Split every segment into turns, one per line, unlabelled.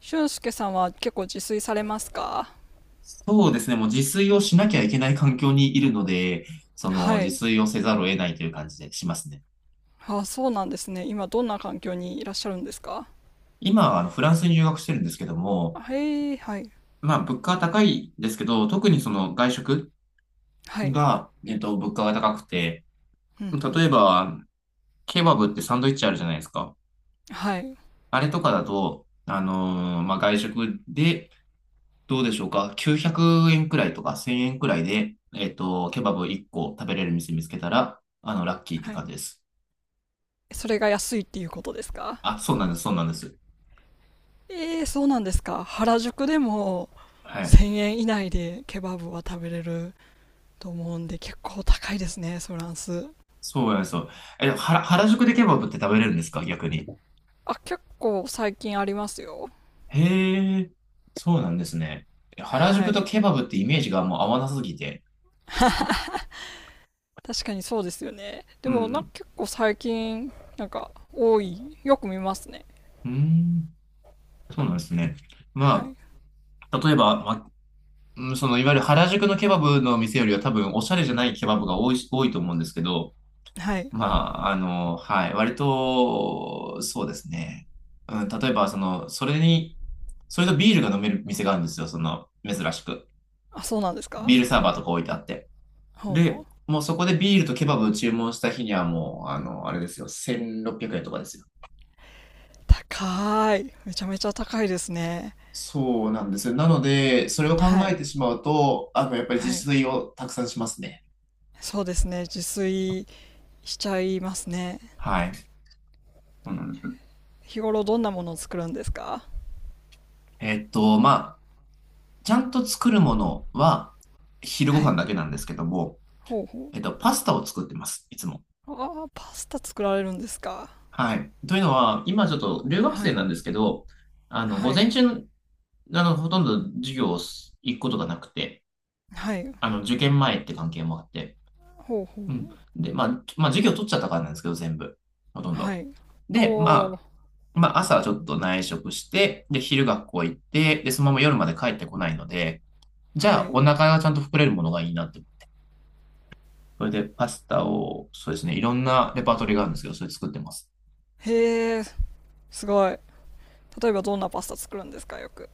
俊介さんは結構自炊されますか？
そうですね。もう自炊をしなきゃいけない環境にいるので、その
は
自
い。
炊をせざるを得ないという感じでしますね。
あ、そうなんですね。今どんな環境にいらっしゃるんですか？
今、フランスに留学してるんですけども、
あ、へえ、はい。
まあ、物価は高いですけど、特にその外食
はい。
が、物価が高くて、
うんう
例
ん。
えば、ケバブってサンドイッチあるじゃないですか。
はい。
あれとかだと、まあ、外食で、どうでしょうか。900円くえんくらいとか1000円くらいで、ケバブ1個食べれる店見つけたら、ラッキーって
は
感
い。
じです。
それが安いっていうことですか？
あ、そうなんです、そうなんです。
ええ、そうなんですか。原宿でも
はい。
1000円以内でケバブは食べれると思うんで結構高いですね、フランス。
そうや、そう。え、でも原宿でケバブって食べれるんですか、逆に。
あ、結構最近ありますよ。
へえ、そうなんですね。え、原
は
宿と
い。
ケバブってイメージがもう合わなすぎて。
確かにそうですよね。
う
でもな、
ん、
結構最近なんか多い。よく見ますね。
うん、そうなんですね。
は
ま
い。
あ、例えば、その、いわゆる原宿のケバブの店よりは多分、おしゃれじゃないケバブが多い多いと思うんですけど、
はい。
まあ、はい、割と、そうですね。うん、例えば、その、それとビールが飲める店があるんですよ、その、珍しく。
あ、そうなんです
ビ
か。
ールサーバーとか置いてあって。
ほうほ
で、
う。
もうそこでビールとケバブを注文した日にはもう、あれですよ、1600円とかですよ。
高い。めちゃめちゃ高いですね。
そうなんですよ。なので、それを考
は
え
い。
てしまうと、やっぱり
は
自
い。
炊をたくさんしますね。
そうですね。自炊しちゃいますね。
はい。そうなんです。
日頃どんなものを作るんですか？
まあ、ちゃんと作るものは、昼ご
は
飯
い。
だけなんですけども、
ほうほ
パスタを作ってます、いつも。
う。ああ、パスタ作られるんですか。
はい。というのは、今ちょっと留学
は
生
い。
なんですけど、
は
午
い。
前中、ほとんど授業を行くことがなくて、
はい。
受験前って関係もあって。
ほうほう
う
ほ
ん。
う。
で、まあ、授業取っちゃったからなんですけど、全部。ほとん
は
ど。
い。お
で、ま
お。
あ、朝ちょっと内職して、で、昼学校行って、で、そのまま夜まで帰ってこないので、じ
は
ゃあ、お
い。
腹がちゃんと膨れるものがいいなって。それで、パスタを、そうですね、いろんなレパートリーがあるんですけど、それ作ってます。
へえ、すごい。例えばどんなパスタ作るんですか、よく？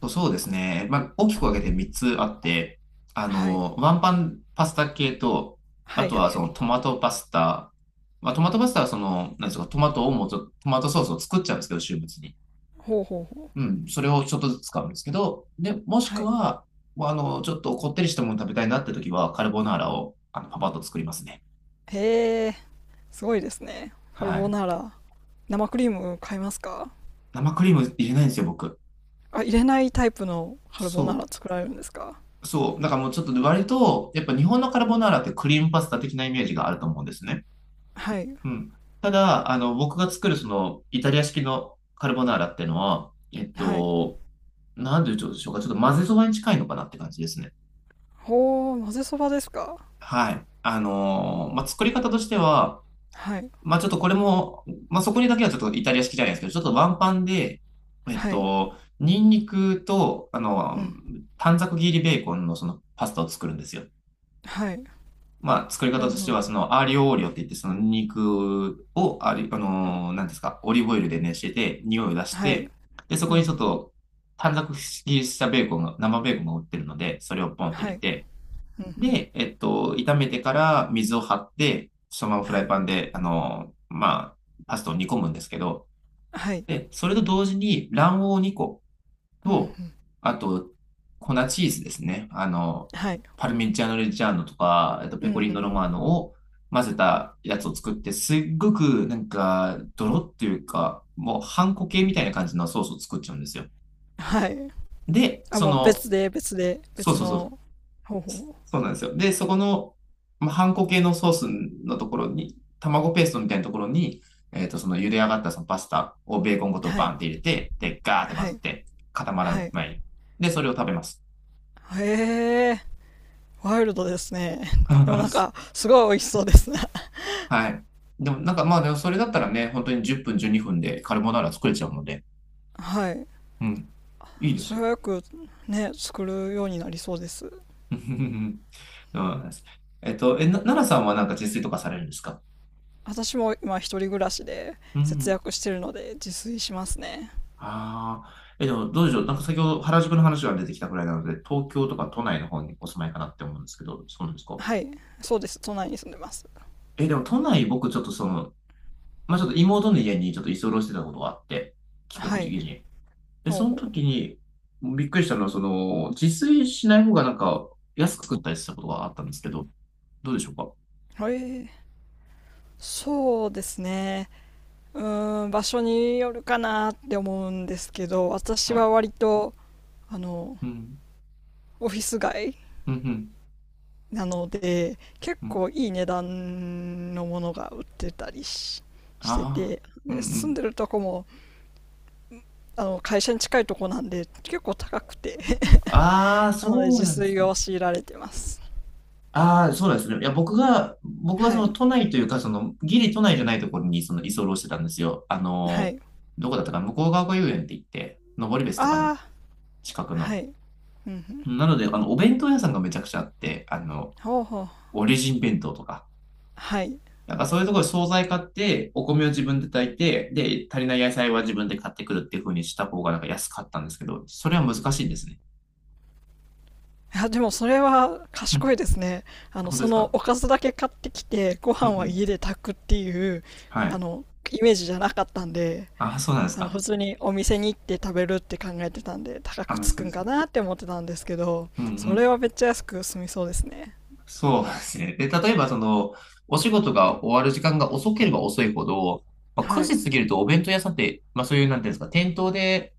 そうそうですね。まあ、大きく分けて3つあって、
はい。
ワンパンパスタ系と、
は
あ
い
と
はい
は
は
その
い。
トマトパスタ。まあ、トマトパスタはその、なんですか、トマトをもうちょっと、トマトソースを作っちゃうんですけど、週末に。
ほうほうほう。
うん、それをちょっとずつ使うんですけど、で、もし
は
く
い。
は、もうちょっとこってりしたもの食べたいなって時は、カルボナーラを、パパッと作りますね。
へえ。すごいですね。カル
は
ボ
い。
ナーラ。生クリーム買いますか？
生クリーム入れないんですよ、僕。
あ、入れないタイプのカル
そ
ボナーラ作られるんですか？
う。そう。だからもうちょっと割と、やっぱ日本のカルボナーラってクリームパスタ的なイメージがあると思うんですね。
はい。
うん。ただ、僕が作るその、イタリア式のカルボナーラってのは、
はい。
なんでしょうか、ちょっと混ぜそばに近いのかなって感じですね。
ほー、混ぜそばですか？
はい。まあ、作り方としては、
はい。
まあ、ちょっとこれも、まあ、そこにだけはちょっとイタリア式じゃないですけど、ちょっとワンパンで、
はい。
ニンニクと、
うん。
短冊切りベーコンのそのパスタを作るんですよ。
はい。
まあ、作り方
うん、う
として
ん。
は、その、アーリオオーリオって言って、その肉を、あり、あのー、
は
なんですか、オリーブオイルで熱してて、匂いを出し
はい。
て、で、そ
う
こにち
ん。
ょっと短冊切りしたベーコンが、生ベーコンが売ってるので、それをポンって入
は
れ
い。
て、
うん、うん。
で、炒めてから水を張って、そのままフ
は
ライ
い。
パンで、まあ、パスタを煮込むんですけど、
はい。
で、それと同時に卵黄を2個
うん、うん。
と、あと、粉チーズですね。
はい。
パルミジャーノ・レッジャーノとか、
う
ペ
ん、う
コリーノ・
ん。
ロマーノを混ぜたやつを作って、すっごくなんか、ドロっていうか、もう、ハンコ系みたいな感じのソースを作っちゃうんですよ。
はい。
で、
あ、もう別で、
そう
別
そうそう、
の方法。
そうなんですよ。で、そこの、まあ、ハンコ系のソースのところに、卵ペーストみたいなところに、その茹で上がったそのパスタをベーコンごと
は
バ
い。
ンって入れて、で、ガーって混
は
ぜ
い。
て、固ま
は
ら
い。
ない。で、それを食べます。
へえ、ワイルドですね。でもなんか、すごい美味しそうですね。
はい。でも、なんかまあ、でもそれだったらね、本当に10分、12分でカルボナーラ作れちゃうので、
はい。
うん、いいで
そ
す
れ
よ。
はよくね作るようになりそうです。
そうなんです。奈良さんはなんか自炊とかされるんですか？
私も今一人暮らしで
う
節
ん。
約してるので自炊しますね。
ああ。え、でも、どうでしょう。なんか先ほど原宿の話が出てきたくらいなので、東京とか都内の方にお住まいかなって思うんですけど、そうなんですか？
はい。そうです、都内に住んでます。
え、でも都内僕ちょっとその、まあちょっと妹の家にちょっと居候してたことがあって、帰国
は
時
い。
期に。で、
ほう
その
ほ
時に、びっくりしたのは、その、自炊しない方がなんか、安く食ったりしたことがあったんですけど、どうでしょうか？
う。ーそうですね。うーん、場所によるかなって思うんですけど、私
はい。
は割とあの
うん。
オフィス街
うん、うん、
なので結
うん。
構いい値段のものが売ってたりして
ああ、
て、
うん、う
で住ん
ん。
でるとこもあの会社に近いとこなんで結構高くて、
ああ、
なので
そう
自
なんです
炊
ね。
を強いられてます。
ああ、そうなんですね。いや、僕はそ
はい。
の都内というか、その、ギリ都内じゃないところに、その、居候してたんですよ。
はい。
どこだったかな、向川が遊園って言って、登別とかの
ああー。
近く
は
の。
い。うんうん。
なので、お弁当屋さんがめちゃくちゃあって、
ほうほう。
オリジン弁当とか。
はい。
なんかそういうところで惣菜買って、お米を自分で炊いて、で、足りない野菜は自分で買ってくるっていう風にした方がなんか安かったんですけど、それは難しいんですね。
あ、でもそれは
う
賢
ん。
いですね。あの、
本当で
そ
す
の
か？
おかずだけ買ってきてご
うんう
飯は
ん。
家で炊くっていう
は
あ
い。
のイメージじゃなかったんで、
あ、そうなんです
あの普
か。
通にお店に行って食べるって考えてたんで高
あ、
く
まあ
つ
そ
く
うで
んか
す。
なって思ってたんですけど、
うんう
それ
ん。
はめっちゃ安く済みそうですね。
そうですね。で、例えばその、お仕事が終わる時間が遅ければ遅いほど、まあ、9
は
時
い。
過ぎるとお弁当屋さんって、まあそういう、なんていうんですか、店頭で、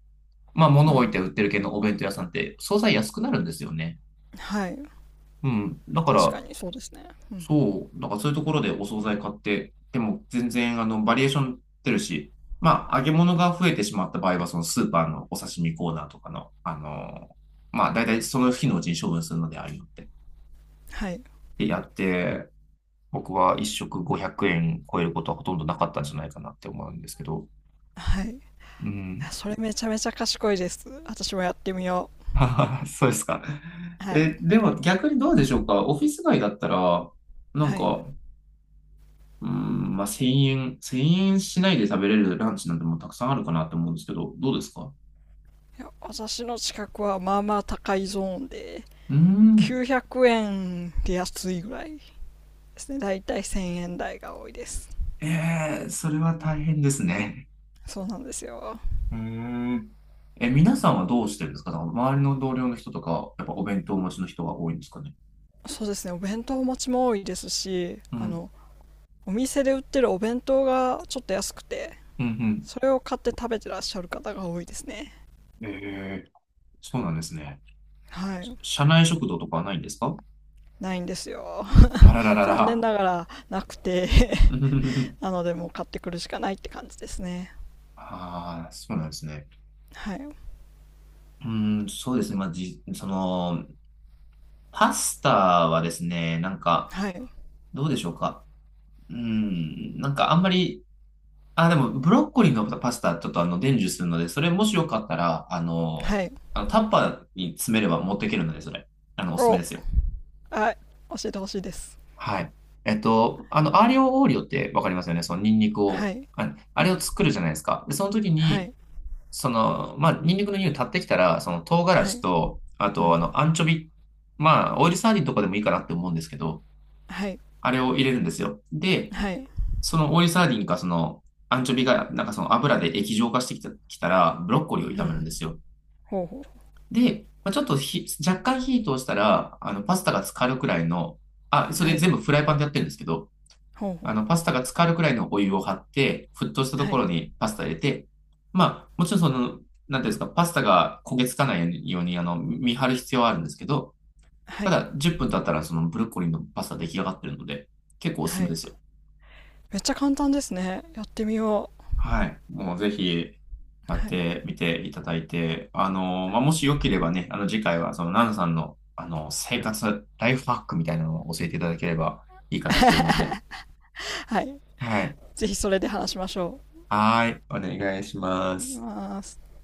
まあ
う
物を置
ん。
いて売ってる系のお弁当屋さんって、惣菜安くなるんですよね。
はい。
うん。だか
確か
ら、
にそうですね。
そう、だからそういうところでお惣菜買って、でも全然バリエーション出るし、まあ揚げ物が増えてしまった場合は、そのスーパーのお刺身コーナーとかの、まあ大体その日のうちに処分するのでありのでて。
はい。
で、やって、僕は一食500円超えることはほとんどなかったんじゃないかなって思うんですけど。
はい。
うん。
それめちゃめちゃ賢いです。私もやってみよ
そうですか。
う。は
え、
い。
でも逆にどうでしょうか。オフィス街だったら、なん
はい。
か、うん、まあ、1000円、1円しないで食べれるランチなんてもうたくさんあるかなと思うんですけど、どうですか？
いや、私の近くはまあまあ高いゾーンで、
うーん、
900円で安いぐらいですね。だいたい1000円台が多いです。
ええ、それは大変ですね。
そうなんですよ。
うーん。え、皆さんはどうしてるんですか？だから周りの同僚の人とか、やっぱお弁当をお持ちの人が多いんですかね？
そうですね。お弁当持ちも多いですし、
う
あ
ん、
の、お店で売ってるお弁当がちょっと安くて、
うん、
それを買って食べてらっしゃる方が多いですね。
うん。ええ、そうなんですね。
は
し
い。
社内食堂とかはないんですか？
ないんですよ。
あらら ら
残念
ら。
ながらなくて、 なのでもう買ってくるしかないって感じですね。
ああ、そうなんですね。
はい。
うーん、そうですね。まあ、その、パスタはですね、なんか、
はい。
どうでしょうか。うーん、なんかあんまり、あ、でもブロッコリーのパスタちょっと伝授するので、それもしよかったら、
はい。
あのタッパーに詰めれば持っていけるので、それ、おすすめ
お、
ですよ。
はい。教えてほしいです。
はい。アーリオオーリオってわかりますよね。そのニンニク
は
を、
い。
あ、あ
う
れを
ん。
作るじゃないですか。で、その時
は
に、
い。
その、まあ、ニンニクの匂い立ってきたら、その唐辛
は
子
い。
と、あ
う
と、
ん。
アンチョビ、まあ、オイルサーディンとかでもいいかなって思うんですけど、
はい。
あれを入れるんですよ。で、
はい。
そのオイルサーディンか、その、アンチョビが、なんかその油で液状化してきた、きたら、ブロッコリーを
う
炒めるん
ん。
ですよ。
ほうほ
で、まあ、ちょっと若干火通したら、パスタが浸かるくらいの、あ、
う。
そ
は
れ
い。
全部フライパンでやってるんですけど、
ほうほ
パスタが浸かるくらいのお湯を張って、沸騰した
う。
と
は
ころ
い。
にパスタ入れて、まあ、もちろんその、なんていうんですか、パスタが焦げつかないように、見張る必要はあるんですけど、
は
た
い。
だ、10分経ったら、そのブロッコリーのパスタ出来上がってるので、結構おすす
は
めで
い。
すよ。
めっちゃ簡単ですね。やってみよう。
はい。もうぜひ、やっ
はい
てみていただいて、まあ、もしよければね、次回は、その、ナナさんの、生活、ライフハックみたいなのを教えていただければいいかなって思うんで。
はい。
はい。
ぜひそれで話しましょ
はい。お願いしま
う。いき
す。
ます。